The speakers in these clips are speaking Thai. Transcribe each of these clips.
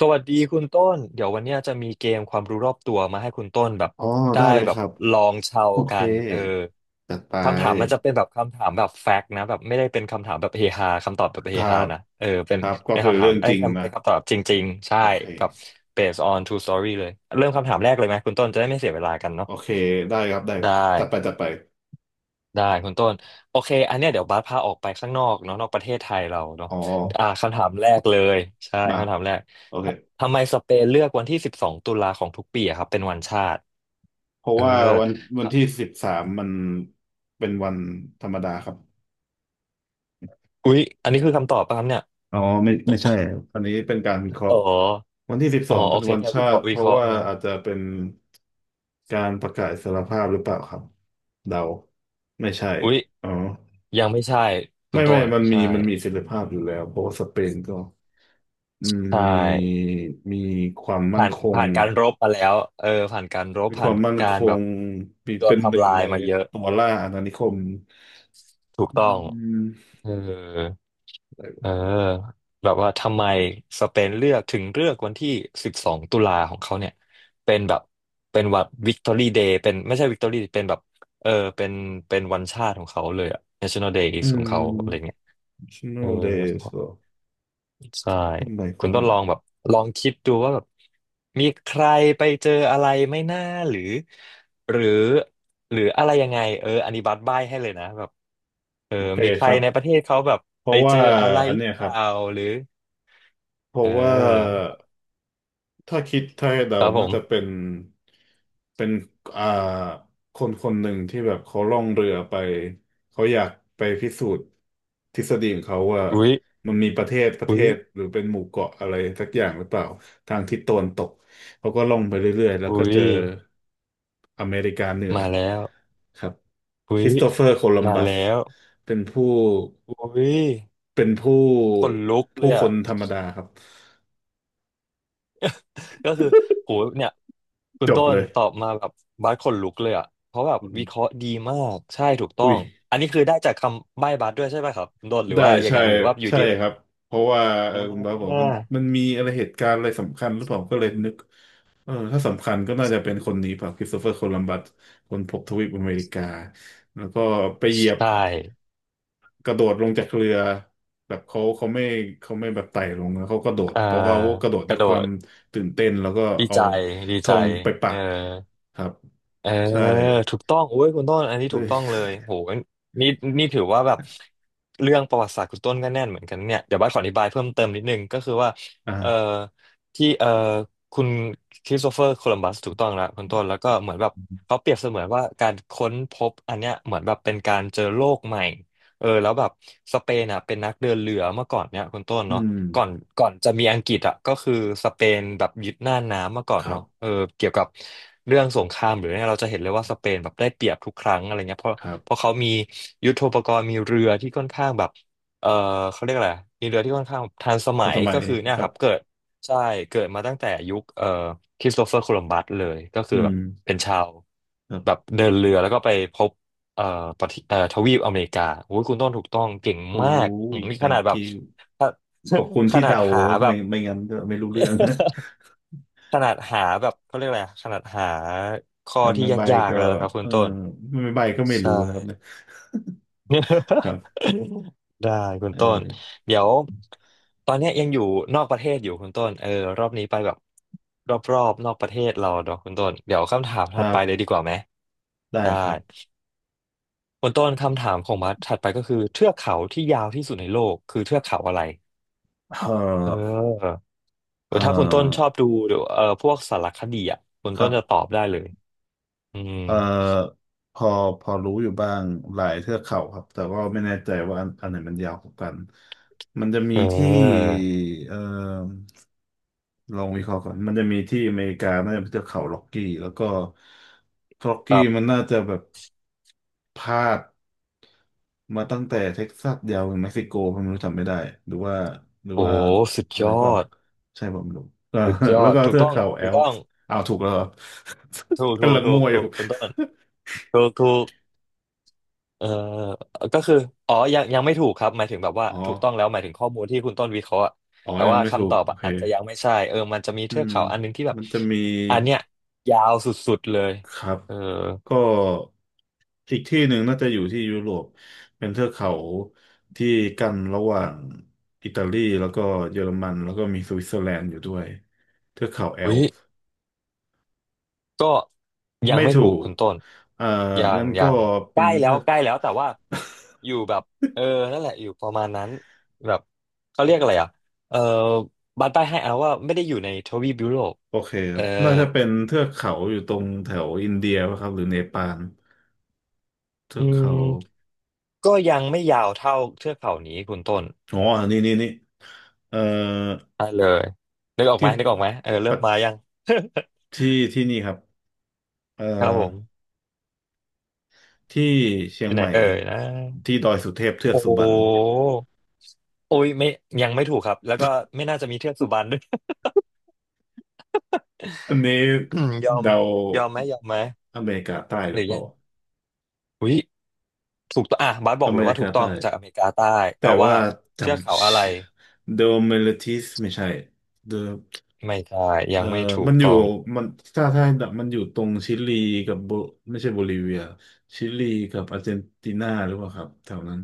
สวัสดีคุณต้นเดี๋ยววันเนี้ยจะมีเกมความรู้รอบตัวมาให้คุณต้นแบบอ๋อได้ได้เลยแบคบรับลองเชาโอเคกันเออจัดไปคำถามมันจะเป็นแบบคำถามแบบแฟกต์นะแบบไม่ได้เป็นคำถามแบบเฮฮาคำตอบแบบคเฮรัฮาบนะเออเป็คนรับก็เป็นคือคำถาเรื่มองไอ้จยริเงนะป็นคำตอบจริงๆใช่โอเคแบบ based on true story เลยเริ่มคำถามแรกเลยไหมคุณต้นจะได้ไม่เสียเวลากันโอเนาะเคได้ครับได้ได้ จัดไปจัดไปได้คุณต้นโอเคอันเนี้ยเดี๋ยวบาสพาออกไปข้างนอกเนาะนอกประเทศไทยเราเนาะอ๋อคำถามแรกเลยใช่มาคำถามแรกโอเคทำไมสเปนเลือกวันที่สิบสองตุลาของทุกปีอะครับเป็นวันชาติเพราะเออว่าวันวันถ้าที่13มันเป็นวันธรรมดาครับอุ๊ยอันนี้คือคำตอบป่ะครับเนี่ยอ๋อไม่ไม่ใช่อันนี้เป็นการวิเคราะอ๋อห์วันที่สิบสอ๋อองโอเป็นเควันแค่ชาวิเคราะติห์เพวิเคราะราะห์ว่าเนาะอาจจะเป็นการประกาศอิสรภาพหรือเปล่าครับเดาไม่ใช่อุ๊ยอ๋อ ยังไม่ใช่คุไม่ณต้ไม่นมันมีใช่มันมีเสรีภาพอยู่แล้วเพราะว่าสเปนก็อืมใช่มีมีความมั่นผ่านคงผ่านการรบมาแล้วเออผ่านการรบมีคผ่าวานมมั่นกาครแบบงมีโดเป็นนหนึ่ทำงลายในมาเยอะตัวล่าอาณานิคมถูกอืต้องมเออ อะไรเออวะแบบว่าทำไมสเปนเลือกถึงเลือกวันที่สิบสองตุลาของเขาเนี่ยเป็นแบบเป็นวันวิกตอรี่เดย์เป็นไม่ใช่วิกตอรี่เป็นแบบเออเป็นเป็นวันชาติของเขาเลยอะ National Day อืของเขาอะไรม เงี้ยเออ national days เหรอใช่ทำไมคุเขาณต้ถึองงลองแบบลองคิดดูว่าแบบมีใครไปเจออะไรไม่น่าหรือหรือหรืออะไรยังไงเอออันนี้บัตรบ้ายให้เลยนะแบบเออโอเคมีใคครรับในประเทศเขาแบบเพไปราะเจว่าออะไรอันหรือเนี้ยเปครับล่าหรือ เพเราะว่า ออถ้าคิดถ้าให้เดาครับผน่าจะเป็มน เป็นอ่าคนคนหนึ่งที่แบบเขาล่องเรือไป เขาอยากไปพิสูจน์ทฤษฎีของเขาว่า อุ๊ยมันมีประเทศประเทอุ๊ยศหรือเป็นหมู่เกาะอะไรสักอย่างหรือเปล่าทางทิศตะวันตก เขาก็ล่องไปเรื่อยๆ แล้วก็อุ๊ยเจออเมริกาเหนือมาแล้วครับอุ๊คยริสโตเฟอร์โคลัมมาบัสแล้วเป็นผู้อุ๊ยเป็นผู้ ขนลุกเลผู้ยคอ่ะ นธรรมดาครับ ก็คือโหเนี่ยคุจณบต้เลนย ตอบมาแบบบาสขนลุกเลยอ่ะเพราะแบบวิอเคราะห์ดีมากใช่ถูกต้อุ้ย งอันนี้คือได้จากคำใบ้บาสด้วยใช่ไหมครับคุณต้นหรือได้ว่ายังใช่ไงหรือว่าอยู่ใช่ดีครับเพราะว่าเออ่อคุณบาสบอกามันมันมีอะไรเหตุการณ์อะไรสำคัญหรือเปล่าก็เลยนึกเออถ้าสำคัญก็น่าจะเป็นคนนี้เปล่าคริสโตเฟอร์โคลัมบัสคนพบทวีปอเมริกาแล้วก็ไปเหยียใชบ่กระโดดลงจากเรือแบบเขาไม่แบบไต่ลงนะเขากระโดดอ่าเพราะว่าเขากระโดดกด้วระยโดความดตื่นเต้นแล้วก็ดีเอาใจดีธใจงไปปัเออ กครับเออใช่ ถูกต้อ งโอ้ยคุณต้นอันนี้เฮ้ถูกยต้องเลยโหนี่นี่ถือว่าแบบเรื่องประวัติศาสตร์คุณต้นก็แน่นเหมือนกันเนี่ยเดี๋ยวบ้านขออธิบายเพิ่มเติมนิดนึงก็คือว่าอ่าเอ่อที่คุณคริสโตเฟอร์โคลัมบัสถูกต้องแล้วคุณต้นแล้วก็เหมือนแบบเขาเปรียบเสมือนว่าการค้นพบอันเนี้ยเหมือนแบบเป็นการเจอโลกใหม่เออแล้วแบบสเปนอ่ะเป็นนักเดินเรือเมื่อก่อนเนี่ยคุณต้นอืเนาะ มก่อนก่อนจะมีอังกฤษอ่ะก็คือสเปนแบบยึดหน้าน้ำมาก่อคนรัเนาะเอบอเกี่ยวกับเรื่องสงครามหรือเนี่ยเราจะเห็นเลยว่าสเปนแบบได้เปรียบทุกครั้งอะไรเงี้ยเพราะครับเพราะเขามียุทโธปกรณ์มีเรือที่ค่อนข้างแบบเออเขาเรียกอะไรมีเรือที่ค่อนข้างทันสทัมันยสมัก็ยคือเนี่คยรัคบรับเกิดใช่เกิดมาตั้งแต่ยุคคริสโตเฟอร์โคลัมบัสเลยก็คือือแบม บเป็นชาวแบบเดินเรือแล้วก็ไปพบเอ่อประเทศทวีปอเมริกาโอ้ยคุณต้นถูกต้องเก่งโอ้มากอืย มนี่ขนาด thank แบบ you ขอบคุณ ขที่นาดเดาหาแบไม่บ ไม่งั้นก็ไม่รู้เรื่อง นะ ขนาดหาแบบเขาเรียกอะไรอะขนาดหาข้อทำที่ไม่ใบยากก็ๆแล้วนะครับคุเอณอต้นไม่ใบก็ไม่ใช่ รู้นะครับเนี่ย ครับ ได้คุณเอต้นอเดี๋ยวตอนเนี้ยยังอยู่นอกประเทศอยู่คุณต้นเออรอบนี้ไปแบบรอบๆนอกประเทศเราเนาะคุณต้นเดี๋ยวคำถามคถัรัดไปเลยบดีกว่าไหมได้ได้ครับคุณต้นคำถามของมัดถัดไปก็คือเทือกเขาที่ยาวที่สุดในโลกคือเทือกเขาอะไรเเออ ออหเรือถ้าคุณต้นชอออบดูพวกสารคดีอ่ะคุณคต้รันจะตบอบได้เลยอืมเออพอพอรู้อยู่บ้างหลายเทือกเขาครับแต่ว่าไม่แน่ใจว่าอันไหนมันยาวกว่ากันมันจะมีเที่ออเออลองวิเคราะห์ก่อนมันจะมีที่อเมริกาน่าจะเป็นเทือกเขาล็อกกี้แล้วก็ล็อกคกี้รัมันบน่าจะแบบ พลาดมาตั้งแต่เท็กซัสยาวถึงเม็กซิโกผมไม่รู้จำไม่ได้หรือว่าหรือโอ้ว่าสุดอะยไรอเปล่าดใช่ผมไม่รู้ เออสุดยอแล้วดก็ถูกเทือกต้องเขาแอถูกลต้องป์อ้าวถูกแล้วเหรอ ถูก ถูกำกลังถูมั่กวอยู่ ถูกคุณต้นถูกถูกเออก็คืออ๋อยังไม่ถูกครับหมายถึงแบบว่า อ๋อถูกต้องแล้วหมายถึงข้อมูลที่คุณต้นวิเคราะห์อะอ๋อแต่ยังว่าไม่ถูคำตกอบโออะเคอาจจะยังไม่ใช่เออมันจะมีอืเทือกมเขาอันหนึงที่แบบมันจะมีอันเนี้ยยาวสุดๆเลยครับเออก็อีกที่หนึ่งน่าจะอยู่ที่ยุโรปเป็นเทือกเขาที่กั้นระหว่างอิตาลีแล้วก็เยอรมันแล้วก็มีสวิตเซอร์แลนด์อยู่ด้วยเทือกเขาแออุ้ลย ป์ ก็ยังไม่ไม่ถูถูกกคุณต้นเอ่อยังงั้นยัก็งใกเป็นล้แล้เทืวอก ใกล้แล้วแต่ว่า อยู่แบบเออนั่นแหละอยู่ประมาณนั้นแบบเขาเรียกอะไรอ่ะเออบัตรใต้ให้เอาว่าไม่ได้อยู่ในทวีปยุโรปโอเคคเอรัอบน่าจะเป็นเทือกเขาอยู่ตรงแถวอินเดียป่ะครับหรือเนปาลเทือือกเขามก็ยังไม่ยาวเท่าเทือกเขานี้คุณต้นอ๋อนี่นี่นี่ เอ่อ อ่ะเลยนึกออกไหมที่นึกออกไหมเออเริ่มปะมายัง ที่ที่นี่ครับเอ่อ ครับผมที่เชียองยู่ไหนใหม่เอ่ยนะที่ดอยสุเทพเทือกโอ้สุโหบรรณโอ้ยไม่ยังไม่ถูกครับแล้วก็ไม่น่าจะมีเทือกสุบรรณด้วย อันนี้ ยอมเดายอมไหมยอมไหม อเมริกาใต้หหรือรืเปอยัล่างอุ้ยถูกต้องอ่ะบาสบออกเลเมยริว่าถูกากต้อใต้งจากอเมริกาใต้แต่แต่ว่าว่าจเทือกเขาอะไรำเดอเมลิท e สไม่ใช่ The ไม่ใช่เอยัองไม่ถูมักนอยู่ต้องมันถ้ามันอยู่ตรงชิลีกับโบไม่ใช่โบลิเวียชิลีกับอาร์เจนตินาหรือเปล่าครับแถวนั้น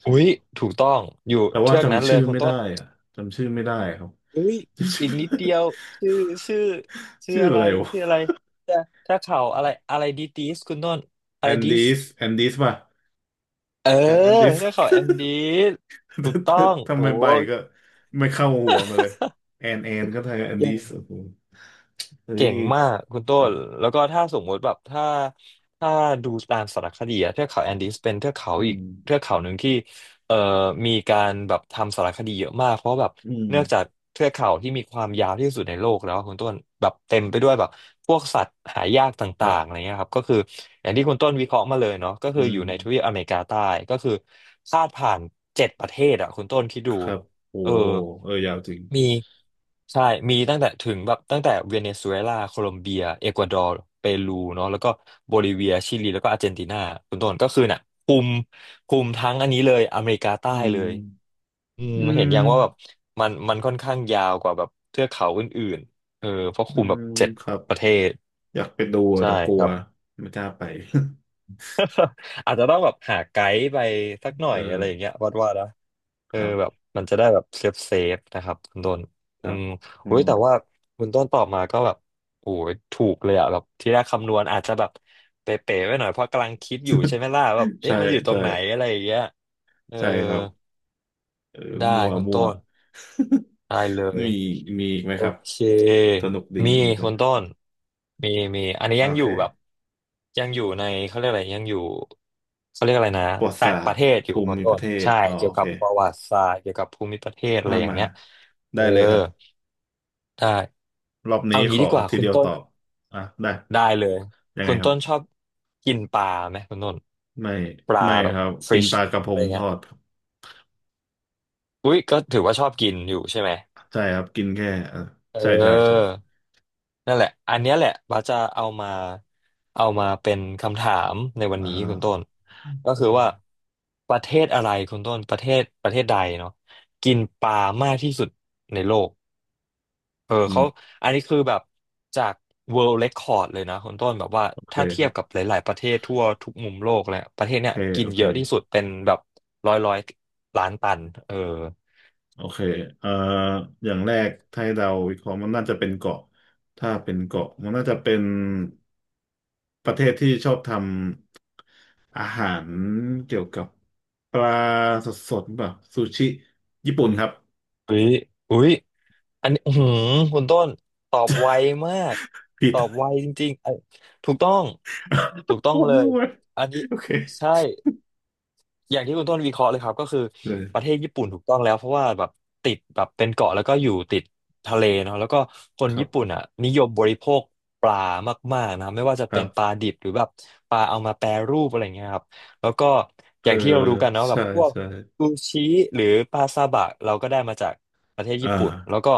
ใช่อุ้ยปะถูกต้องอยู่แต่ว่าเทือกนั้นจำเลชื่ยอคุณไม่ต้ได้นอะจำชื่อไม่ได้ครับ อุ้ยอีกนิดเดี ยวชื่อชื่อจำชื่อชื่อ ชื่ออะอะไรไรชื่อวะอะไรเทือกเขาอะไรอะไรดีดีสคุณต้นอะแอไรนดีดิสสแอนดิสป่ะเออแอนดิส เทือกเขาแอนดี สถูกต้องทำโอ้ไมใบก็ไม่เข้าหัวมาเลยแอนแอนก็ไทยแอนเก่ดิง สโอ้โหเฮ้เก่ยงมากคุณต้ครันบแล้วก็ถ้าสมมติแบบถ้าดูตามสารคดีอะเทือกเขาแอนดีสเป็นเทือกเขาอือีกมเทือกเขาหนึ่งที่เอ่อมีการแบบทำสารคดีเยอะมากเพราะแบบอืมเนื่องจากเทือกเขาที่มีความยาวที่สุดในโลกแล้วอะคุณต้นแบบเต็มไปด้วยแบบพวกสัตว์หายากตค่ารังๆอะไรบเงี้ยครับก็คืออย่างที่คุณต้นวิเคราะห์มาเลยเนาะก็อืคืออมยู่ในทวีปอเมริกาใต้ก็คือพาดผ่านเจ็ดประเทศอะคุณต้นคิดคดูรับโอ้เออ โหเออยาวจริง มีใช่ มีตั้งแต่ถึงแบบตั้งแต่เวเนซุเอลาโคลอมเบียเอกวาดอร์เปรูเนาะแล้วก็โบลิเวียชิลีแล้วก็อาร์เจนตินาคุณต้นก็คือน่ะคุมคุมทั้งอันนี้เลยอเมริกาใต้อืเลมยอืมอืเห็นมอย่างว่าแบบมันค่อนข้างยาวกว่าแบบเทือกเขาอื่นๆเออเพราะอืคุมแบบมเจ็ดครับประเทศอยากไปดูอะใช่แต่กลัครัวบไม่กล้าไป อาจจะต้องแบบหาไกด์ไปสักหน่ อเอยอะอไรอย่างเงี้ยวัดว่า เอคอรัแบบบมันจะได้แบบเซฟเซฟนะครับคุณต้นคอืรับมอือุ้ยมแต่ว่าคุณต้นตอบมาก็แบบโอ้ยถูกเลยอะแบบที่แรกคำนวณอาจจะแบบเป๋ๆไว้หน่อยเพราะกำลังคิดอยู่ใช่ไหมล่ะแบบเอ๊ะใช่มันอยู่ตรงใช่ไหนอะไรอย่างเงี้ยเออใช่ครับเออได้มัวคุณมัว ต้น ได้เลย มีมีอีกไหมโอครับเค สนุกดีมีมีอีกไหมคุณต้นมีมีอันนี้โอยังอยู่แบบเคยังอยู่ในเขาเรียกอะไรยังอยู่เขาเรียกอะไรนะประวัติต่าศางปสตระเทร์ศอยู่ภูคุณมิปต้ระนเทศใช่อ๋อเกี่ยโอวกัเคบประวัติศาสตร์เกี่ยวกับภูมิประเทศอะไรมาอย่างมาเงี้ยเอได้อเลยครับได้รอบนี้เอาขงี้อดีกว่าทีคุณเดียวตต้นอบอ่ะได้ได้เลยยังไงคุณครับต้นชอบกินปลาไหมคุณต้นไม่ปลาไม่แบคบรับฟิกินชปลากระพอะไรงทเงี้ยอด อุ้ยก็ถือว่าชอบกินอยู่ใช่ไหม ใช่ครับกินแค่เออเใช่ใช่ใช่ออ นั่นแหละ อันเนี้ยแหละบาสจะเอามาเอามาเป็นคำถามในวันอ่นี้คุณต้นาก็อืคือว่ามประเทศอะไรคุณต้นประเทศใดเนาะกินปลามากที่สุดในโลกเอออืเขามอันนี้คือแบบจาก World Record เลยนะคุณต้นแบบว่าโอเคถ้าคเทียรับกับบหลายๆประเทศทั่วทุกมุมโลกแล้วประเทโอศเนี้เคยกิโอนเคเยอะที่สุดเป็นแบบร้อยล้านตันเออโอเคเอ่ออย่างแรกถ้าให้เราวิเคราะห์มันน่าจะเป็นเกาะถ้าเป็นเกาะมันน่าจะเป็นประเทศที่ชอบทำอาหารเกี่ยวกับปลาสดๆแบบซูชิญี่ปุ่นครับอุ้ยอุ้ย อันนี้อื้อหือคุณต้นตอบไวมาก ผิตด อบไวจริงๆเอ้ยถูกต้อง ถูก โคต้องตรเลย มั่วอันนี้โอเคใช่ อย่างที่คุณต้นวิเคราะห์เลยครับก็คือเลประเทยศญี่ปุ่นถูกต้องแล้วเพราะว่าแบบติดแบบเป็นเกาะแล้วก็อยู่ติดทะเลเนาะแล้วก็คนครัญี่ปุ่นบอ่ะนิยมบริโภคปลามากๆนะครับไม่ว่าจะคเป็รันบปลาดิบหรือแบบปลาเอามาแปรรูปอะไรเงี้ยครับแล้วก็เอออย่างที่เรารู้กันเนาะแบใช่บพวกใช่ซูชิหรือปลาซาบะเราก็ได้มาจากประเทศอ่า ญี่ปุ่นแล้วก็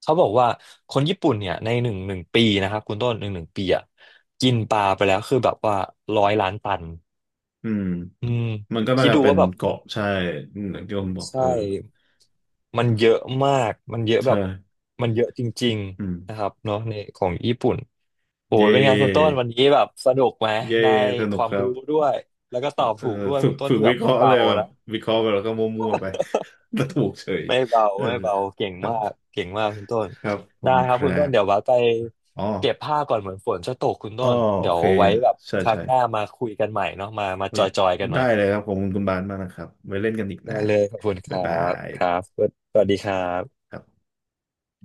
เขาบอกว่าคนญี่ปุ่นเนี่ยในหนึ่งปีนะครับคุณต้นหนึ่งปีอ่ะกินปลาไปแล้วคือแบบว่าร้อยล้านตัน อืมอืมมันก็น่าคิดจะดูเป็ว่านแบบมัเกาะนใช่อืมอย่างที่ผมบอกใช่เออมันเยอะมาก มันเยอะแบใช่บมันเยอะจริงอืๆนะคมรับเนาะในของญี่ปุ่นโอ้เยยเป็นไงคุณต้น่วันนี้แบบสนุกไหมเย่ได้สคนุกวามครับรู้ด้วยแล้วก็เอตออบเออถูกด้วยฝึคุกณต้นฝึกที่แบวิบเคไม่ราะห์เลเบายแบบนะวิเคราะห์ไปแล้วก็มั่วๆไป แล้วถูกเฉยไม่เบาเออไม่เบาเก่งครัมากบเก่งมากคุณต้นครับผได้มคครับคุรัณต้นบเดี๋ยวว่าไปอ๋อเก็บผ้าก่อนเหมือนฝนจะตกคุณอ๋ต้อนโอเดี๋ยวเคไว้แบบใช่ครั้งใช่หน้ามาคุยกันใหม่เนาะมามาเฮ้จยอยๆกันใหได้ม่เลยครับขอบคุณคุณบานมากนะครับไว้เล่นกันอีกได้นะเลยขอบคุณคบ๊ายรับาบยครับสวัสดีครับครับ